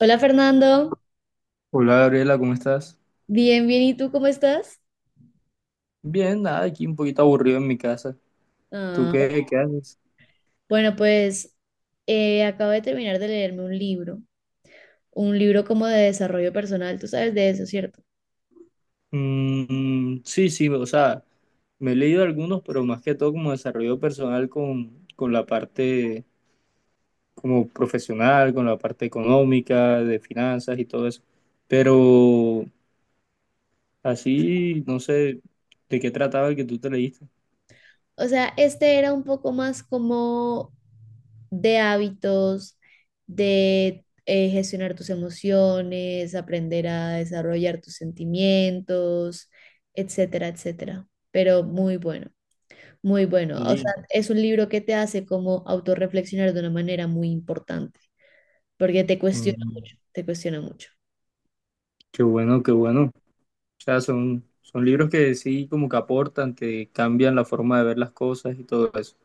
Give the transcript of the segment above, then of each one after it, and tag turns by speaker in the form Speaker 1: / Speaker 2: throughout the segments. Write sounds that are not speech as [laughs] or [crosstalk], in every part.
Speaker 1: Hola Fernando,
Speaker 2: Hola Gabriela, ¿cómo estás?
Speaker 1: bien, bien, ¿y tú cómo estás?
Speaker 2: Bien, nada, aquí un poquito aburrido en mi casa. ¿Tú
Speaker 1: Ah,
Speaker 2: qué haces?
Speaker 1: bueno, pues acabo de terminar de leerme un libro como de desarrollo personal, tú sabes de eso, ¿cierto?
Speaker 2: Mm, sí, sí, o sea, me he leído algunos, pero más que todo como desarrollo personal con la parte como profesional, con la parte económica, de finanzas y todo eso. Pero así, no sé, ¿de qué trataba el que tú te leíste?
Speaker 1: O sea, este era un poco más como de hábitos, de gestionar tus emociones, aprender a desarrollar tus sentimientos, etcétera, etcétera. Pero muy bueno, muy bueno. O
Speaker 2: Sí.
Speaker 1: sea, es un libro que te hace como autorreflexionar de una manera muy importante, porque te cuestiona
Speaker 2: Mm,
Speaker 1: mucho, te cuestiona mucho.
Speaker 2: qué bueno, qué bueno. O sea, son libros que sí como que aportan, que cambian la forma de ver las cosas y todo eso.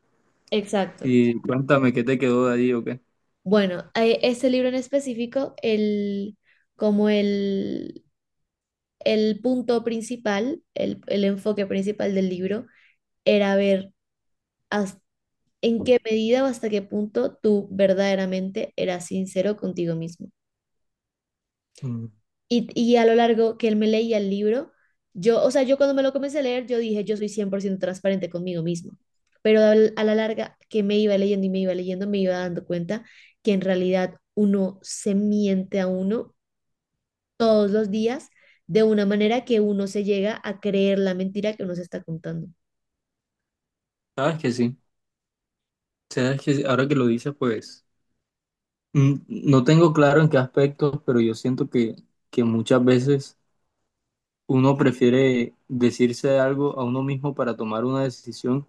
Speaker 1: Exacto.
Speaker 2: Y cuéntame qué te quedó de allí o qué.
Speaker 1: Bueno, este libro en específico, como el punto principal, el enfoque principal del libro, era ver hasta- en qué medida o hasta qué punto tú verdaderamente eras sincero contigo mismo.
Speaker 2: Mm,
Speaker 1: Y a lo largo que él me leía el libro, o sea, yo cuando me lo comencé a leer, yo dije, yo soy 100% transparente conmigo mismo. Pero a la larga que me iba leyendo y me iba leyendo, me iba dando cuenta que en realidad uno se miente a uno todos los días de una manera que uno se llega a creer la mentira que uno se está contando.
Speaker 2: sabes que sí, sabes que sí. Ahora que lo dices, no tengo claro en qué aspectos, pero yo siento que muchas veces uno prefiere decirse algo a uno mismo para tomar una decisión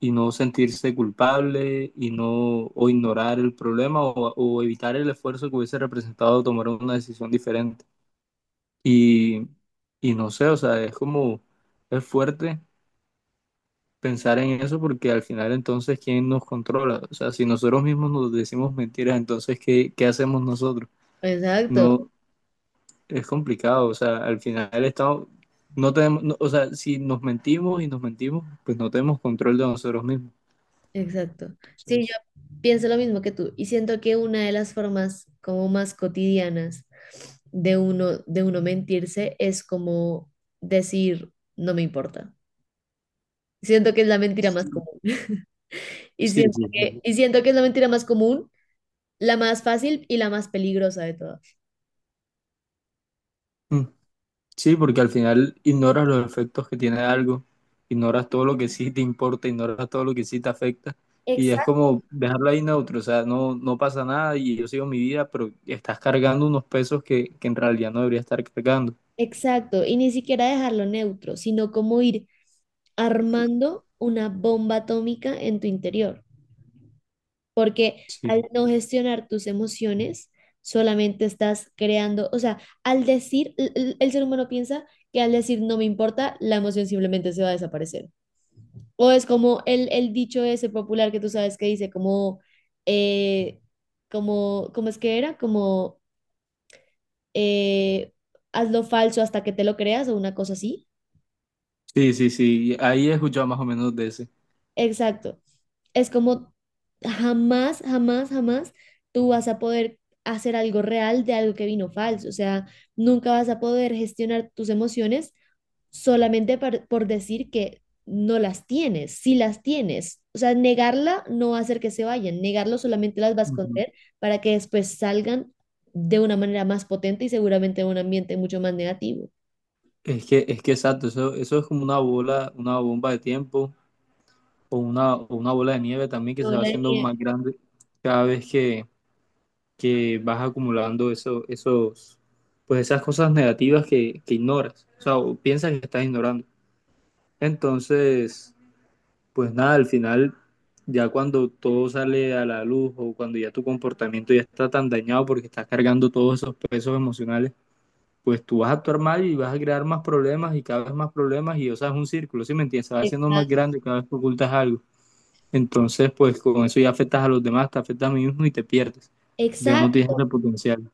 Speaker 2: y no sentirse culpable y no o ignorar el problema o evitar el esfuerzo que hubiese representado tomar una decisión diferente. Y, y no sé, o sea, es como, es fuerte pensar en eso porque al final entonces, ¿quién nos controla? O sea, si nosotros mismos nos decimos mentiras, entonces, ¿qué hacemos nosotros?
Speaker 1: Exacto.
Speaker 2: No, es complicado, o sea, al final estamos, no tenemos, no- o sea, si nos mentimos y nos mentimos, pues no tenemos control de nosotros mismos.
Speaker 1: Exacto. Sí, yo
Speaker 2: Entonces,
Speaker 1: pienso lo mismo que tú y siento que una de las formas como más cotidianas de uno mentirse es como decir no me importa. Siento que es la mentira más
Speaker 2: sí,
Speaker 1: común y
Speaker 2: sí,
Speaker 1: siento
Speaker 2: sí.
Speaker 1: que y siento que es la mentira más común, la más fácil y la más peligrosa de todas.
Speaker 2: Sí. Sí, porque al final ignoras los efectos que tiene algo, ignoras todo lo que sí te importa, ignoras todo lo que sí te afecta y es
Speaker 1: Exacto.
Speaker 2: como dejarlo ahí neutro, o sea, no pasa nada y yo sigo mi vida, pero estás cargando unos pesos que en realidad no debería estar cargando.
Speaker 1: Exacto, y ni siquiera dejarlo neutro, sino como ir armando una bomba atómica en tu interior, porque
Speaker 2: Sí,
Speaker 1: al no gestionar tus emociones, solamente estás creando, o sea, al decir, el ser humano piensa que al decir no me importa, la emoción simplemente se va a desaparecer. O es como el dicho ese popular que tú sabes que dice como, eh, como, ¿cómo es que era? Como, eh, haz lo falso hasta que te lo creas o una cosa así.
Speaker 2: sí, sí, sí, ahí he escuchado más o menos de ese.
Speaker 1: Exacto. Es como jamás, jamás, jamás tú vas a poder hacer algo real de algo que vino falso. O sea, nunca vas a poder gestionar tus emociones solamente decir que no las tienes, si las tienes. O sea, negarla no va a hacer que se vayan, negarlo solamente las va a
Speaker 2: Ujú.
Speaker 1: esconder para que después salgan de una manera más potente y seguramente en un ambiente mucho más negativo.
Speaker 2: Es que exacto, eso es como una bola, una bomba de tiempo o una bola de nieve también que
Speaker 1: No
Speaker 2: se va
Speaker 1: la
Speaker 2: haciendo más
Speaker 1: niegues.
Speaker 2: grande cada vez que vas acumulando pues esas cosas negativas que ignoras, o sea, o piensas que estás ignorando. Entonces, pues nada, al final, ya cuando todo sale a la luz o cuando ya tu comportamiento ya está tan dañado porque estás cargando todos esos pesos emocionales, pues tú vas a actuar mal y vas a crear más problemas y cada vez más problemas y, o sea, es un círculo, ¿sí me entiendes? Se va haciendo más
Speaker 1: Exacto.
Speaker 2: grande cada vez que ocultas algo. Entonces, pues con eso ya afectas a los demás, te afectas a mí mismo y te pierdes. Ya no tienes ese potencial.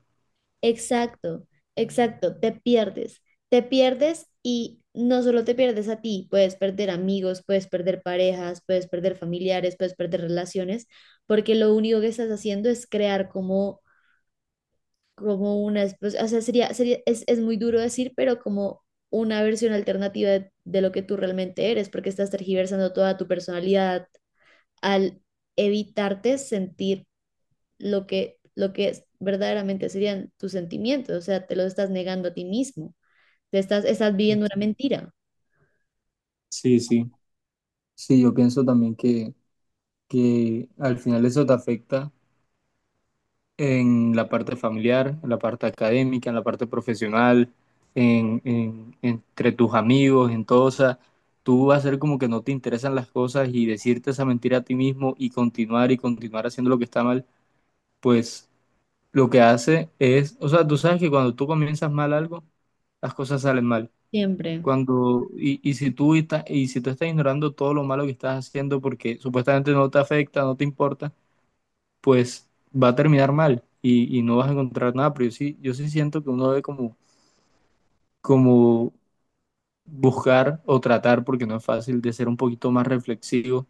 Speaker 1: Exacto, exacto, te pierdes y no solo te pierdes a ti, puedes perder amigos, puedes perder parejas, puedes perder familiares, puedes perder relaciones, porque lo único que estás haciendo es crear como, como o sea, es muy duro decir, pero como una versión alternativa de lo que tú realmente eres, porque estás tergiversando toda tu personalidad al evitarte sentir lo que es, verdaderamente serían tus sentimientos, o sea, te los estás negando a ti mismo, estás viviendo una mentira,
Speaker 2: Sí, sí. Sí, yo pienso también que al final eso te afecta en la parte familiar, en la parte académica, en la parte profesional, entre tus amigos, en todo. O sea, tú vas a ser como que no te interesan las cosas y decirte esa mentira a ti mismo y continuar haciendo lo que está mal, pues lo que hace es, o sea, tú sabes que cuando tú comienzas mal algo, las cosas salen mal.
Speaker 1: siempre.
Speaker 2: Cuando, y si tú estás, y si tú estás ignorando todo lo malo que estás haciendo porque supuestamente no te afecta, no te importa, pues va a terminar mal y no vas a encontrar nada. Pero yo sí, yo sí siento que uno debe como, como buscar o tratar, porque no es fácil, de ser un poquito más reflexivo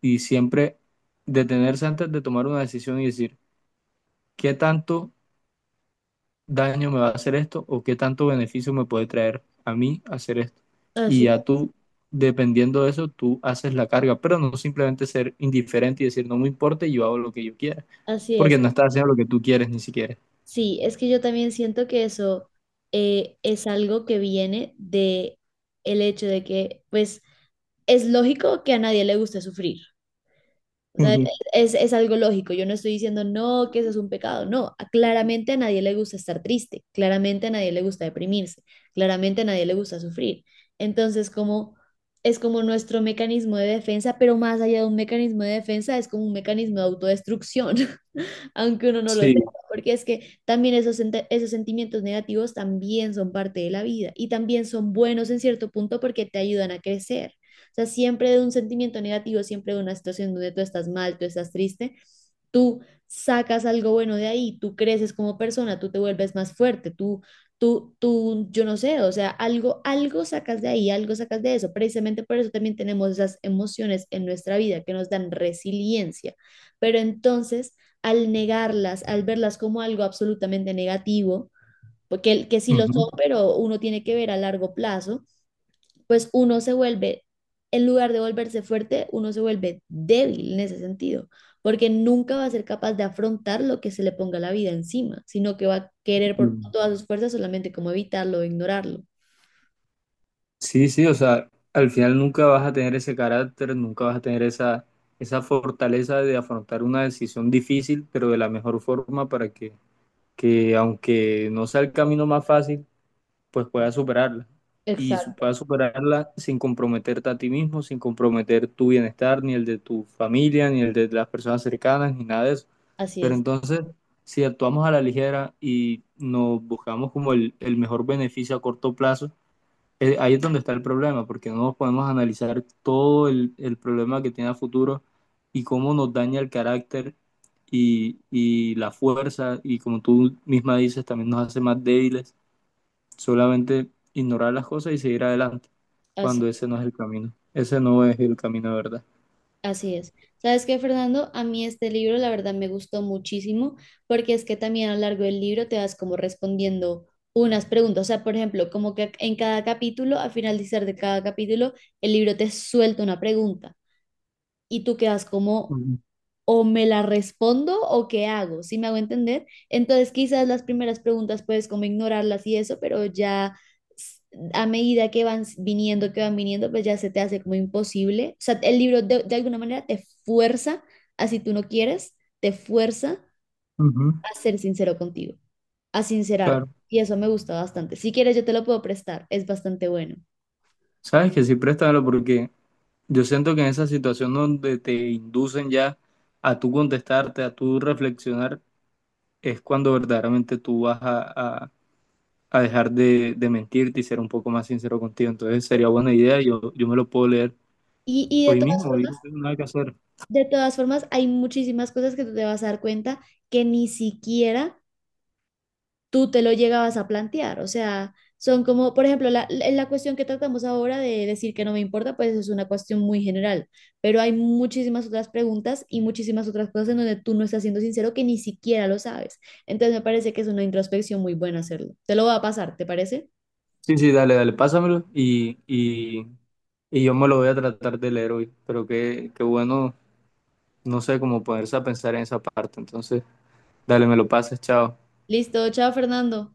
Speaker 2: y siempre detenerse antes de tomar una decisión y decir, ¿qué tanto daño me va a hacer esto o qué tanto beneficio me puede traer a mí hacer esto? Y
Speaker 1: Así,
Speaker 2: ya tú, Dependiendo de eso, tú haces la carga, pero no simplemente ser indiferente y decir, no me importa y yo hago lo que yo quiera,
Speaker 1: así es.
Speaker 2: porque no estás haciendo lo que tú quieres ni siquiera.
Speaker 1: Sí, es que yo también siento que eso es algo que viene de el hecho de que, pues, es lógico que a nadie le guste sufrir. O sea,
Speaker 2: Ujú.
Speaker 1: es algo lógico. Yo no estoy diciendo no, que eso es un pecado. No, claramente a nadie le gusta estar triste, claramente a nadie le gusta deprimirse, claramente a nadie le gusta sufrir. Entonces, como es como nuestro mecanismo de defensa, pero más allá de un mecanismo de defensa, es como un mecanismo de autodestrucción. [laughs] [laughs] Aunque uno no lo sepa,
Speaker 2: Sí,
Speaker 1: porque es que también esos sentimientos negativos también son parte de la vida y también son buenos en cierto punto porque te ayudan a crecer. O sea, siempre de un sentimiento negativo, siempre de una situación donde tú estás mal, tú estás triste, tú sacas algo bueno de ahí, tú creces como persona, tú te vuelves más fuerte, yo no sé, o sea, algo, algo sacas de ahí, algo sacas de eso. Precisamente por eso también tenemos esas emociones en nuestra vida que nos dan resiliencia. Pero entonces al negarlas, al verlas como algo absolutamente negativo, porque que sí lo
Speaker 2: ujú.
Speaker 1: son, pero uno tiene que ver a largo plazo, pues uno se vuelve, en lugar de volverse fuerte, uno se vuelve débil en ese sentido, porque nunca va a ser capaz de afrontar lo que se le ponga la vida encima, sino que va a querer por
Speaker 2: Mm.
Speaker 1: todas sus fuerzas solamente como evitarlo o ignorarlo.
Speaker 2: Sí, sí, o sea, al final nunca vas a tener ese carácter, nunca vas a tener esa fortaleza de afrontar una decisión difícil, pero de la mejor forma para que aunque no sea el camino más fácil, pues puedas superarla.
Speaker 1: Exacto,
Speaker 2: Puedas superarla sin comprometerte a ti mismo, sin comprometer tu bienestar, ni el de tu familia, ni el de las personas cercanas, ni nada de eso.
Speaker 1: así
Speaker 2: Pero
Speaker 1: es,
Speaker 2: entonces, si actuamos a la ligera y nos buscamos como el mejor beneficio a corto plazo, ahí es donde está el problema, porque no nos podemos analizar todo el problema que tiene a futuro y cómo nos daña el carácter y la fuerza, y como tú misma dices, también nos hace más débiles. Solamente ignorar las cosas y seguir adelante,
Speaker 1: así.
Speaker 2: cuando ese no es el camino. Ese no es el camino de verdad.
Speaker 1: Así es. ¿Sabes qué, Fernando? A mí este libro, la verdad, me gustó muchísimo porque es que también a lo largo del libro te vas como respondiendo unas preguntas. O sea, por ejemplo, como que en cada capítulo, al finalizar de cada capítulo, el libro te suelta una pregunta y tú quedas como,
Speaker 2: Ujú,
Speaker 1: o me la respondo o qué hago, ¿sí me hago entender? Entonces quizás las primeras preguntas puedes como ignorarlas y eso, pero ya s- a medida que viniendo, que van viniendo, pues ya se te hace como imposible. O sea, el libro de alguna manera te fuerza, así tú no quieres, te fuerza
Speaker 2: ujú,
Speaker 1: a ser sincero contigo, a sincerarte.
Speaker 2: claro.
Speaker 1: Y eso me gusta bastante. Si quieres, yo te lo puedo prestar, es bastante bueno.
Speaker 2: Sabes que sí, préstamelo porque yo siento que en esa situación donde te inducen ya a tú contestarte, a tú reflexionar, es cuando verdaderamente tú vas a dejar de mentirte y ser un poco más sincero contigo. Entonces sería buena idea, yo me lo puedo leer
Speaker 1: Y
Speaker 2: hoy mismo, hoy no tengo nada que hacer.
Speaker 1: de todas formas, hay muchísimas cosas que tú te vas a dar cuenta que ni siquiera tú te lo llegabas a plantear. O sea, son como, por ejemplo, la la cuestión que tratamos ahora de decir que no me importa, pues es una cuestión muy general, pero hay muchísimas otras preguntas y muchísimas otras cosas en donde tú no estás siendo sincero que ni siquiera lo sabes. Entonces me parece que es una introspección muy buena hacerlo. Te lo voy a pasar, ¿te parece?
Speaker 2: Sí, sí, dale, dale, pásamelo y yo me lo voy a tratar de leer hoy. Pero qué bueno, no sé, cómo ponerse a pensar en esa parte. Entonces, dale, me lo pases, chao.
Speaker 1: Listo, chao Fernando.